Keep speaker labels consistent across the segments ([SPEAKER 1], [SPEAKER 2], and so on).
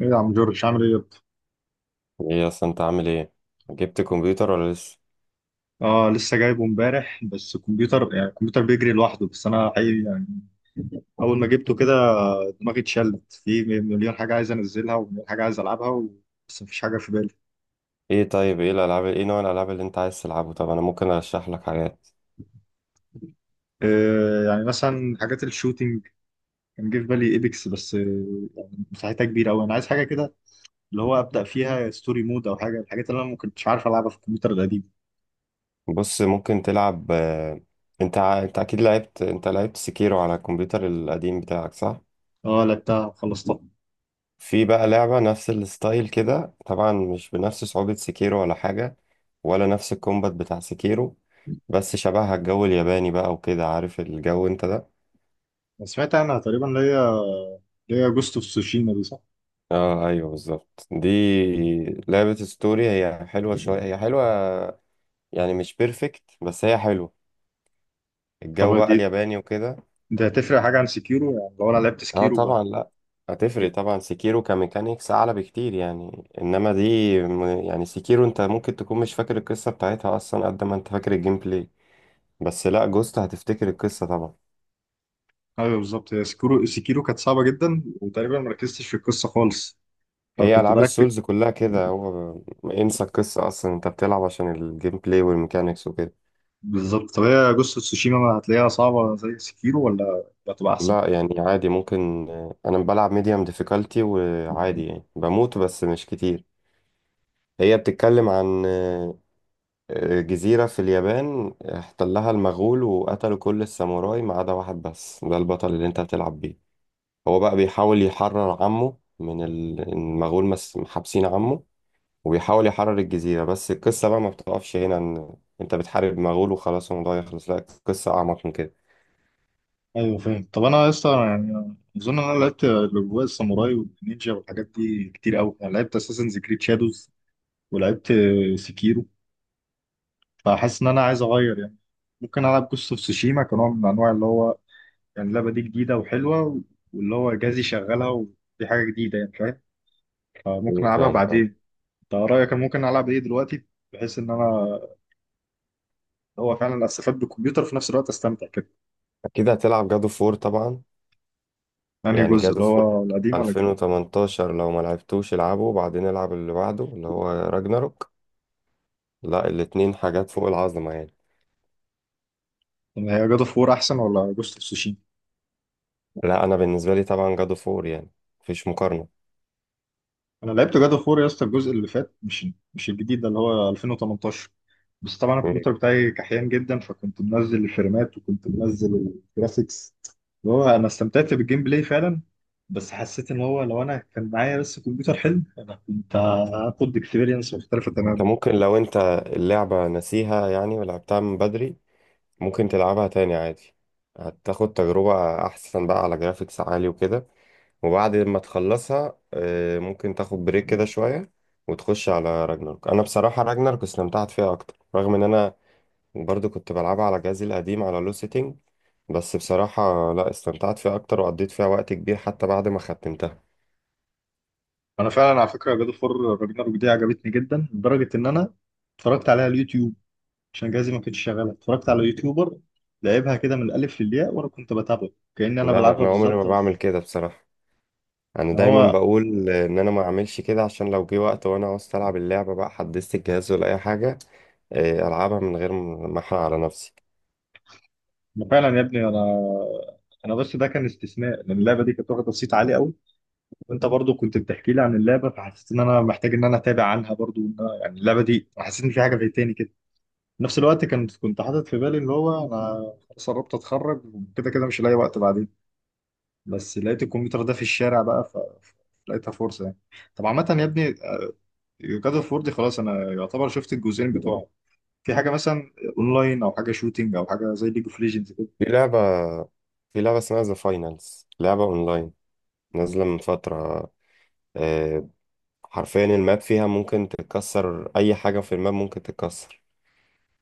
[SPEAKER 1] ايه يا عم جورج عامل ايه يا اسطى؟
[SPEAKER 2] ايه اصلا انت عامل ايه؟ جبت كمبيوتر ولا لسه؟
[SPEAKER 1] اه لسه جايبه امبارح، بس الكمبيوتر يعني الكمبيوتر بيجري لوحده، بس انا حقيقي يعني اول ما جبته كده دماغي اتشلت في مليون حاجه عايز انزلها ومليون حاجه عايز العبها و... بس مفيش حاجه في بالي.
[SPEAKER 2] ايه طيب، ايه الالعاب، ايه نوع الالعاب اللي انت عايز تلعبه؟ طب انا ممكن ارشح لك حاجات.
[SPEAKER 1] يعني مثلا حاجات الشوتينج، كان جه في بالي ايبكس بس يعني مساحتها كبيره قوي. انا عايز حاجه كده اللي هو ابدا فيها ستوري مود او حاجه، الحاجات اللي انا ما كنتش عارف العبها في الكمبيوتر القديم.
[SPEAKER 2] بص ممكن تلعب انت اكيد لعبت، انت لعبت سكيرو على الكمبيوتر القديم بتاعك صح؟
[SPEAKER 1] اه لعبتها وخلصتها.
[SPEAKER 2] في بقى لعبة نفس الستايل كده، طبعا مش بنفس صعوبة سكيرو ولا حاجة، ولا نفس الكومبات بتاع سكيرو، بس شبهها الجو الياباني بقى وكده، عارف الجو انت ده.
[SPEAKER 1] أنا سمعت عنها تقريبا اللي هي اللي هي جوست اوف سوشيما دي، صح؟
[SPEAKER 2] اه ايوه بالظبط دي. لعبة ستوري، هي حلوة شوية، هي حلوة، يعني مش بيرفكت بس هي حلوة.
[SPEAKER 1] طب
[SPEAKER 2] الجو بقى
[SPEAKER 1] دي،
[SPEAKER 2] الياباني وكده.
[SPEAKER 1] ده هتفرق حاجه عن سكيرو يعني لو انا لعبت
[SPEAKER 2] اه
[SPEAKER 1] سكيرو بقى؟
[SPEAKER 2] طبعا، لا هتفرق طبعا. سيكيرو كميكانيكس اعلى بكتير يعني، انما دي يعني سيكيرو انت ممكن تكون مش فاكر القصة بتاعتها اصلا قد ما انت فاكر الجيم بلاي، بس لا جوست هتفتكر القصة طبعا.
[SPEAKER 1] ايوه بالظبط، هي سكيرو سكيرو كانت صعبه جدا وتقريبا ما ركزتش في القصه خالص،
[SPEAKER 2] هي
[SPEAKER 1] فكنت
[SPEAKER 2] العاب
[SPEAKER 1] بركز.
[SPEAKER 2] السولز كلها كده، هو انسى القصة اصلا، انت بتلعب عشان الجيم بلاي والميكانيكس وكده.
[SPEAKER 1] بالظبط، طب هي جوست اوف تسوشيما ما هتلاقيها صعبه زي سكيرو ولا هتبقى احسن؟
[SPEAKER 2] لا يعني عادي ممكن، انا بلعب ميديوم ديفيكالتي وعادي يعني بموت بس مش كتير. هي بتتكلم عن جزيرة في اليابان احتلها المغول وقتلوا كل الساموراي ما عدا واحد بس، ده البطل اللي انت بتلعب بيه. هو بقى بيحاول يحرر عمه من المغول، محابسين عمه، وبيحاول يحرر الجزيرة، بس القصة بقى ما بتقفش هنا ان انت بتحارب مغول وخلاص الموضوع يخلص، لا القصة أعمق من كده.
[SPEAKER 1] ايوه فاهم. طب انا لسه يعني اظن ان انا لعبت الاجواء الساموراي والنينجا والحاجات دي كتير قوي، يعني لعبت اساسنز كريد شادوز ولعبت سكيرو، فحاسس ان انا عايز اغير يعني. ممكن العب جوست اوف تسوشيما كنوع من انواع اللي هو يعني اللعبة دي جديدة وحلوة، واللي هو جهازي شغالها، ودي حاجة جديدة يعني، فاهم؟ فممكن ألعبها
[SPEAKER 2] فاهمك اه.
[SPEAKER 1] بعدين. أنت رأيك أنا ممكن ألعب إيه دلوقتي، بحيث إن أنا اللي هو فعلا أستفاد بالكمبيوتر وفي نفس الوقت أستمتع كده؟
[SPEAKER 2] أكيد هتلعب جادو فور طبعا،
[SPEAKER 1] أنهي
[SPEAKER 2] يعني
[SPEAKER 1] جزء،
[SPEAKER 2] جادو
[SPEAKER 1] اللي
[SPEAKER 2] فور
[SPEAKER 1] هو القديم ولا الجديد؟
[SPEAKER 2] 2018 لو ما لعبتوش العبه وبعدين العب اللي بعده اللي هو راجناروك. لا الاتنين حاجات فوق العظمة يعني.
[SPEAKER 1] يعني هي جاد أوف وور أحسن ولا جوست أوف سوشيما؟
[SPEAKER 2] لا انا بالنسبه لي طبعا جادو فور يعني، مفيش مقارنه.
[SPEAKER 1] أنا لعبت جاد أوف وور يا اسطى الجزء اللي فات، مش الجديد ده اللي هو 2018، بس طبعا
[SPEAKER 2] مم.
[SPEAKER 1] الكمبيوتر بتاعي كحيان جدا فكنت منزل الفريمات وكنت منزل الجرافيكس. اللي هو انا استمتعت بالجيم بلاي فعلا، بس حسيت ان هو لو انا كان معايا بس كمبيوتر حلو انا كنت هاخد اكسبيرينس مختلفه
[SPEAKER 2] انت
[SPEAKER 1] تماما.
[SPEAKER 2] ممكن لو انت اللعبه ناسيها يعني ولعبتها من بدري، ممكن تلعبها تاني عادي، هتاخد تجربه احسن بقى على جرافيكس عالي وكده. وبعد ما تخلصها ممكن تاخد بريك كده شويه وتخش على راجناروك. انا بصراحه راجناروك استمتعت فيها اكتر، رغم ان انا برضو كنت بلعبها على جهازي القديم على لو سيتنج، بس بصراحه لا استمتعت فيها اكتر وقضيت فيها وقت كبير حتى بعد ما ختمتها.
[SPEAKER 1] انا فعلا على فكره جاد فور راجناروك دي عجبتني جدا لدرجه ان انا اتفرجت عليها على اليوتيوب. عشان جهازي ما كانش شغال، اتفرجت على يوتيوبر لعبها كده من الالف للياء وانا كنت بتابعه كاني انا
[SPEAKER 2] لا
[SPEAKER 1] بلعبها
[SPEAKER 2] انا عمري ما
[SPEAKER 1] بالظبط.
[SPEAKER 2] بعمل
[SPEAKER 1] بس
[SPEAKER 2] كده بصراحه، انا
[SPEAKER 1] ان
[SPEAKER 2] دايما
[SPEAKER 1] هو
[SPEAKER 2] بقول ان انا ما اعملش كده عشان لو جه وقت وانا عاوز العب اللعبه بقى حدثت الجهاز ولا اي حاجه، العبها من غير ما احرق على نفسي.
[SPEAKER 1] ما فعلا يا ابني، انا انا بس ده كان استثناء لان اللعبه دي كانت واخده صيت عالي قوي، وانت برضو كنت بتحكي لي عن اللعبه، فحسيت ان انا محتاج ان انا اتابع عنها برضو. يعني اللعبه دي حسيت ان في حاجه فايتاني كده. في نفس الوقت كنت حاطط في بالي اللي هو انا خلاص قربت اتخرج وكده كده مش لاقي وقت بعدين، بس لقيت الكمبيوتر ده في الشارع بقى ف- لقيتها فرصه يعني. طب عامه يا ابني، جاد اوف وور دي خلاص انا يعتبر شفت الجزئين بتوعه. في حاجه مثلا اونلاين او حاجه شوتينج او حاجه زي ليج اوف ليجندز
[SPEAKER 2] في لعبه، في لعبه اسمها ذا فاينلز، لعبه اونلاين نازله من فتره. آه، حرفيا الماب فيها ممكن تتكسر، اي حاجه في الماب ممكن تتكسر.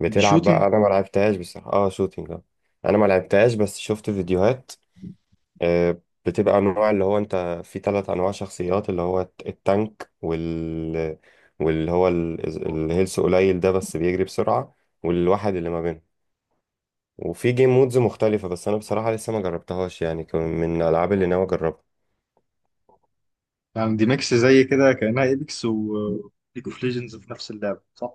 [SPEAKER 2] بتلعب
[SPEAKER 1] كده؟
[SPEAKER 2] بقى، انا ما لعبتهاش بصراحه، اه شوتينج اه، انا ما لعبتهاش بس شفت فيديوهات. آه، بتبقى انواع، اللي هو انت في ثلاث انواع شخصيات، اللي هو التانك، وال، واللي هو الهيلث قليل ده بس بيجري بسرعة، والواحد اللي ما بينهم، وفي جيم مودز مختلفة، بس انا بصراحة لسه ما جربتهاش يعني، كان من الالعاب اللي ناوي اجربها.
[SPEAKER 1] يعني دي ميكس زي كده كأنها ايبكس وليج اوف ليجندز في نفس اللعبة، صح؟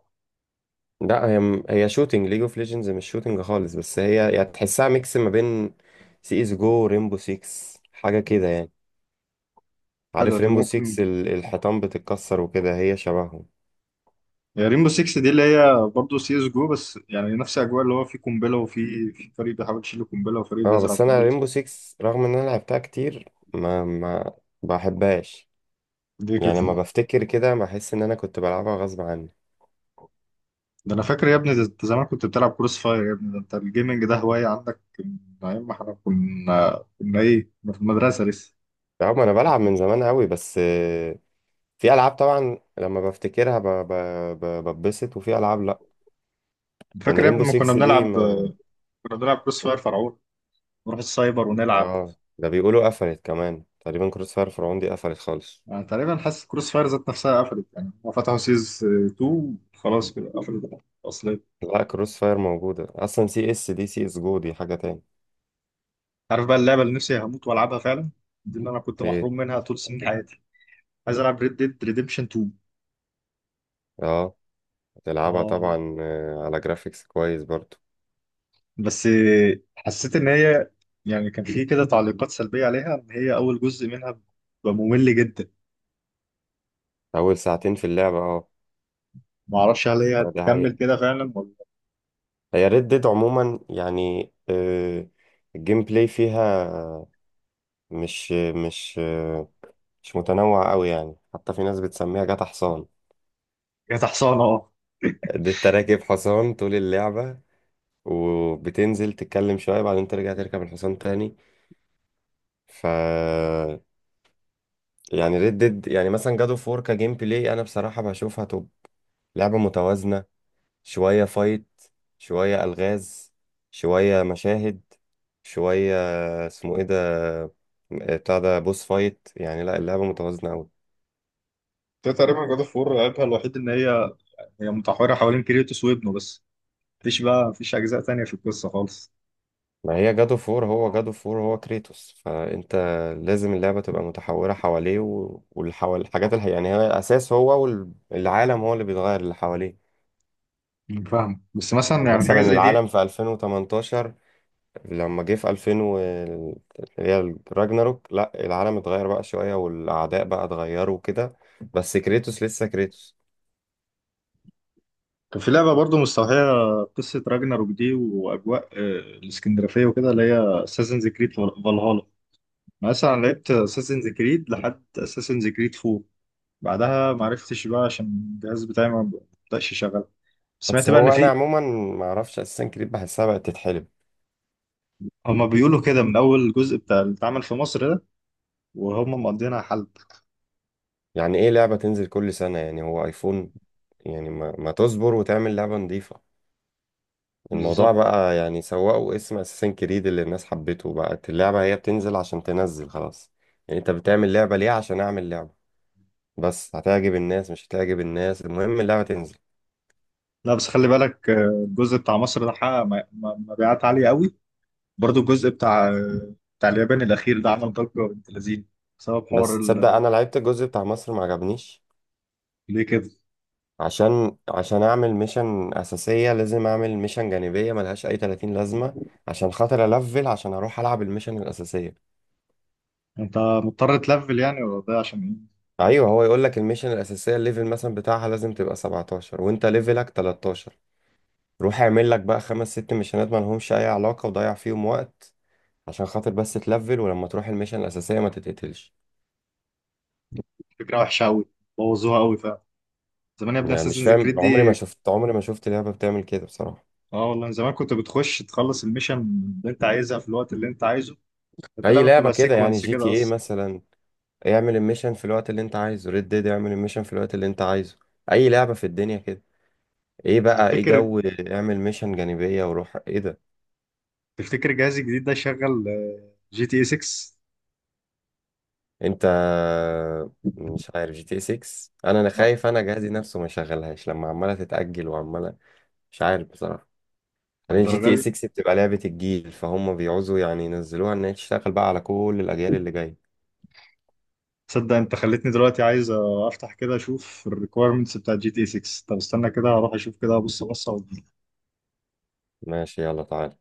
[SPEAKER 2] لا هي هي شوتينج، ليج اوف ليجندز مش شوتينج خالص، بس هي يعني تحسها ميكس ما بين سي اس جو، ريمبو 6، حاجة كده يعني.
[SPEAKER 1] حلوة
[SPEAKER 2] عارف
[SPEAKER 1] دي
[SPEAKER 2] ريمبو
[SPEAKER 1] ممكن.
[SPEAKER 2] 6 الحيطان بتتكسر وكده، هي شبههم.
[SPEAKER 1] يا ريمبو 6 دي اللي هي برضه سي اس جو بس يعني نفس اجواء اللي هو في قنبلة وفي فريق بيحاول يشيل قنبلة وفريق
[SPEAKER 2] اه
[SPEAKER 1] بيزرع
[SPEAKER 2] بس انا
[SPEAKER 1] قنبلة.
[SPEAKER 2] ريمبو 6 رغم ان انا لعبتها كتير ما بحبهاش،
[SPEAKER 1] دي
[SPEAKER 2] يعني
[SPEAKER 1] كده.
[SPEAKER 2] لما بفتكر كده بحس ان انا كنت بلعبها غصب عني.
[SPEAKER 1] ده انا فاكر يا ابني، ده انت زمان كنت بتلعب كروس فاير يا ابني، ده انت الجيمنج ده هواية عندك من ايام ما احنا كنا ايه كنا في المدرسة لسه.
[SPEAKER 2] رغم انا بلعب من زمان قوي بس في العاب طبعا لما بفتكرها ببسط، وفي العاب لا، يعني
[SPEAKER 1] فاكر يا
[SPEAKER 2] ريمبو
[SPEAKER 1] ابني ما كنا
[SPEAKER 2] 6 دي
[SPEAKER 1] بنلعب،
[SPEAKER 2] ما.
[SPEAKER 1] كنا بنلعب كروس فاير فرعون، نروح السايبر ونلعب.
[SPEAKER 2] اه ده بيقولوا قفلت كمان تقريبا، كروس فاير فرعون دي قفلت خالص.
[SPEAKER 1] انا تقريبا حاسس كروس فاير ذات نفسها قفلت، يعني هم فتحوا سيز 2 خلاص كده قفلت اصلا.
[SPEAKER 2] لا كروس فاير موجودة اصلا، سي اس، دي سي اس جو دي حاجة تاني.
[SPEAKER 1] عارف بقى اللعبه اللي نفسي هموت والعبها فعلا؟ دي اللي انا كنت
[SPEAKER 2] ايه؟
[SPEAKER 1] محروم منها طول سنين حياتي. عايز العب ريد ديد ريديمشن 2.
[SPEAKER 2] اه تلعبها
[SPEAKER 1] اه
[SPEAKER 2] طبعا، على جرافيكس كويس برضو.
[SPEAKER 1] بس حسيت ان هي يعني كان في كده تعليقات سلبيه عليها ان هي اول جزء منها بيبقى ممل جدا.
[SPEAKER 2] اول ساعتين في اللعبة اه.
[SPEAKER 1] ما اعرفش هل هي
[SPEAKER 2] دي
[SPEAKER 1] هتكمل
[SPEAKER 2] حقيقة،
[SPEAKER 1] كده فعلا ولا.
[SPEAKER 2] هي ريد ديد عموما يعني، الجيم بلاي فيها مش مش متنوع قوي، يعني حتى في ناس بتسميها جاتا حصان.
[SPEAKER 1] هي تحصانه اه.
[SPEAKER 2] دي انت راكب حصان طول اللعبة، وبتنزل تتكلم شوية بعدين ترجع تركب الحصان تاني. ف، يعني ريد ديد، يعني مثلا جادو فور كجيم بلاي انا بصراحة بشوفها توب، لعبة متوازنة، شوية فايت، شوية ألغاز، شوية مشاهد، شوية اسمه ايه ده، بتاع ده بوس فايت، يعني لا اللعبة متوازنة أوي.
[SPEAKER 1] ده تقريبا جاد اوف وور عيبها الوحيد ان هي هي متحوره حوالين كريتوس وابنه بس، مفيش بقى مفيش اجزاء تانية في القصه خالص.
[SPEAKER 2] ما هي جادو فور، هو جادو فور هو كريتوس، فأنت لازم اللعبة تبقى متحورة حواليه والحوال، الحاجات اللي يعني هي أساس هو، والعالم هو اللي بيتغير اللي حواليه.
[SPEAKER 1] فاهم، بس مثلا
[SPEAKER 2] يعني
[SPEAKER 1] يعني حاجه
[SPEAKER 2] مثلا
[SPEAKER 1] زي دي
[SPEAKER 2] العالم في 2018 لما جه في 2000 و اللي هي راجناروك، لا العالم اتغير بقى شوية والأعداء بقى اتغيروا وكده، بس كريتوس لسه كريتوس.
[SPEAKER 1] كان في لعبه برضو مستوحيه قصه راجناروك دي واجواء الاسكندرافيه وكده اللي هي اساسنز كريد فالهالا. مثلا لعبت اساسنز كريد لحد اساسنز كريد 4، بعدها ما عرفتش بقى عشان الجهاز بتاعي ما بدأش يشتغل.
[SPEAKER 2] بس
[SPEAKER 1] سمعت بقى
[SPEAKER 2] هو
[SPEAKER 1] ان
[SPEAKER 2] أنا
[SPEAKER 1] في،
[SPEAKER 2] عموما ما أعرفش أساسا كريت بحسها بقت تتحلب.
[SPEAKER 1] هما بيقولوا كده من اول جزء بتاع اللي اتعمل في مصر ده وهما مقضينها حلب.
[SPEAKER 2] يعني إيه لعبة تنزل كل سنة، يعني هو أيفون؟ يعني ما تصبر وتعمل لعبة نظيفة؟ الموضوع
[SPEAKER 1] بالظبط.
[SPEAKER 2] بقى يعني سوقوا اسم أساسا كريد اللي الناس حبته، بقت اللعبة هي بتنزل عشان تنزل خلاص. يعني أنت بتعمل لعبة ليه؟ عشان أعمل لعبة، بس هتعجب الناس مش هتعجب الناس، المهم اللعبة تنزل.
[SPEAKER 1] لا بس خلي بالك الجزء بتاع مصر ده حقق مبيعات عاليه قوي. برضو الجزء بتاع بتاع اليابان الأخير ده عمل ضجة بنت لذينه بسبب حوار
[SPEAKER 2] بس تصدق
[SPEAKER 1] ال...
[SPEAKER 2] انا لعبت الجزء بتاع مصر ما عجبنيش.
[SPEAKER 1] ليه كده؟
[SPEAKER 2] عشان، عشان اعمل ميشن اساسيه لازم اعمل ميشن جانبيه ملهاش اي 30 لازمه عشان خاطر الفل، عشان اروح العب الميشن الاساسيه.
[SPEAKER 1] أنت مضطر تلفل يعني ولا ده عشان إيه؟
[SPEAKER 2] ايوه، هو يقول لك الميشن الاساسيه الليفل مثلا بتاعها لازم تبقى 17 وانت ليفلك 13، روح اعمل لك بقى خمس ست ميشنات ما لهمش اي علاقه وضيع فيهم وقت عشان خاطر بس تلفل، ولما تروح الميشن الاساسيه ما تتقتلش.
[SPEAKER 1] فكرة وحشة أوي، بوظوها أوي فعلا. زمان يا ابني
[SPEAKER 2] يعني مش
[SPEAKER 1] أساسنز كريد
[SPEAKER 2] فاهم، عمري ما
[SPEAKER 1] دي،
[SPEAKER 2] شفت، عمري ما شفت لعبه بتعمل كده بصراحه.
[SPEAKER 1] اه والله من زمان كنت بتخش تخلص الميشن اللي انت عايزها في الوقت اللي انت عايزه. انت
[SPEAKER 2] اي
[SPEAKER 1] اللعبه
[SPEAKER 2] لعبه
[SPEAKER 1] بتبقى
[SPEAKER 2] كده، يعني
[SPEAKER 1] سيكونس
[SPEAKER 2] جي تي
[SPEAKER 1] كده
[SPEAKER 2] ايه
[SPEAKER 1] اصلا.
[SPEAKER 2] مثلا، اعمل الميشن في الوقت اللي انت عايزه. ريد ديد، اعمل الميشن في الوقت اللي انت عايزه. اي لعبة في الدنيا كده. ايه
[SPEAKER 1] انت
[SPEAKER 2] بقى ايه
[SPEAKER 1] تفتكر،
[SPEAKER 2] جو؟ اعمل ميشن جانبية وروح ايه ده؟
[SPEAKER 1] تفتكر جهاز الجديد ده يشغل جي تي اي 6؟
[SPEAKER 2] انت، مش عارف جي تي 6، انا، انا خايف انا جهازي نفسه ما يشغلهاش لما عمالة تتأجل وعمالة، مش عارف بصراحة. بعدين جي
[SPEAKER 1] الدرجه
[SPEAKER 2] تي
[SPEAKER 1] دي؟
[SPEAKER 2] 6 بتبقى لعبة الجيل فهم بيعوزوا يعني ينزلوها ان هي تشتغل بقى على كل الاجيال اللي جاية.
[SPEAKER 1] تصدق انت خلتني دلوقتي عايز افتح كده اشوف الريكويرمنتس بتاعت جي تي 6؟ طب استنى كده هروح اشوف كده، ابص بصه.
[SPEAKER 2] ماشي يلا تعالى.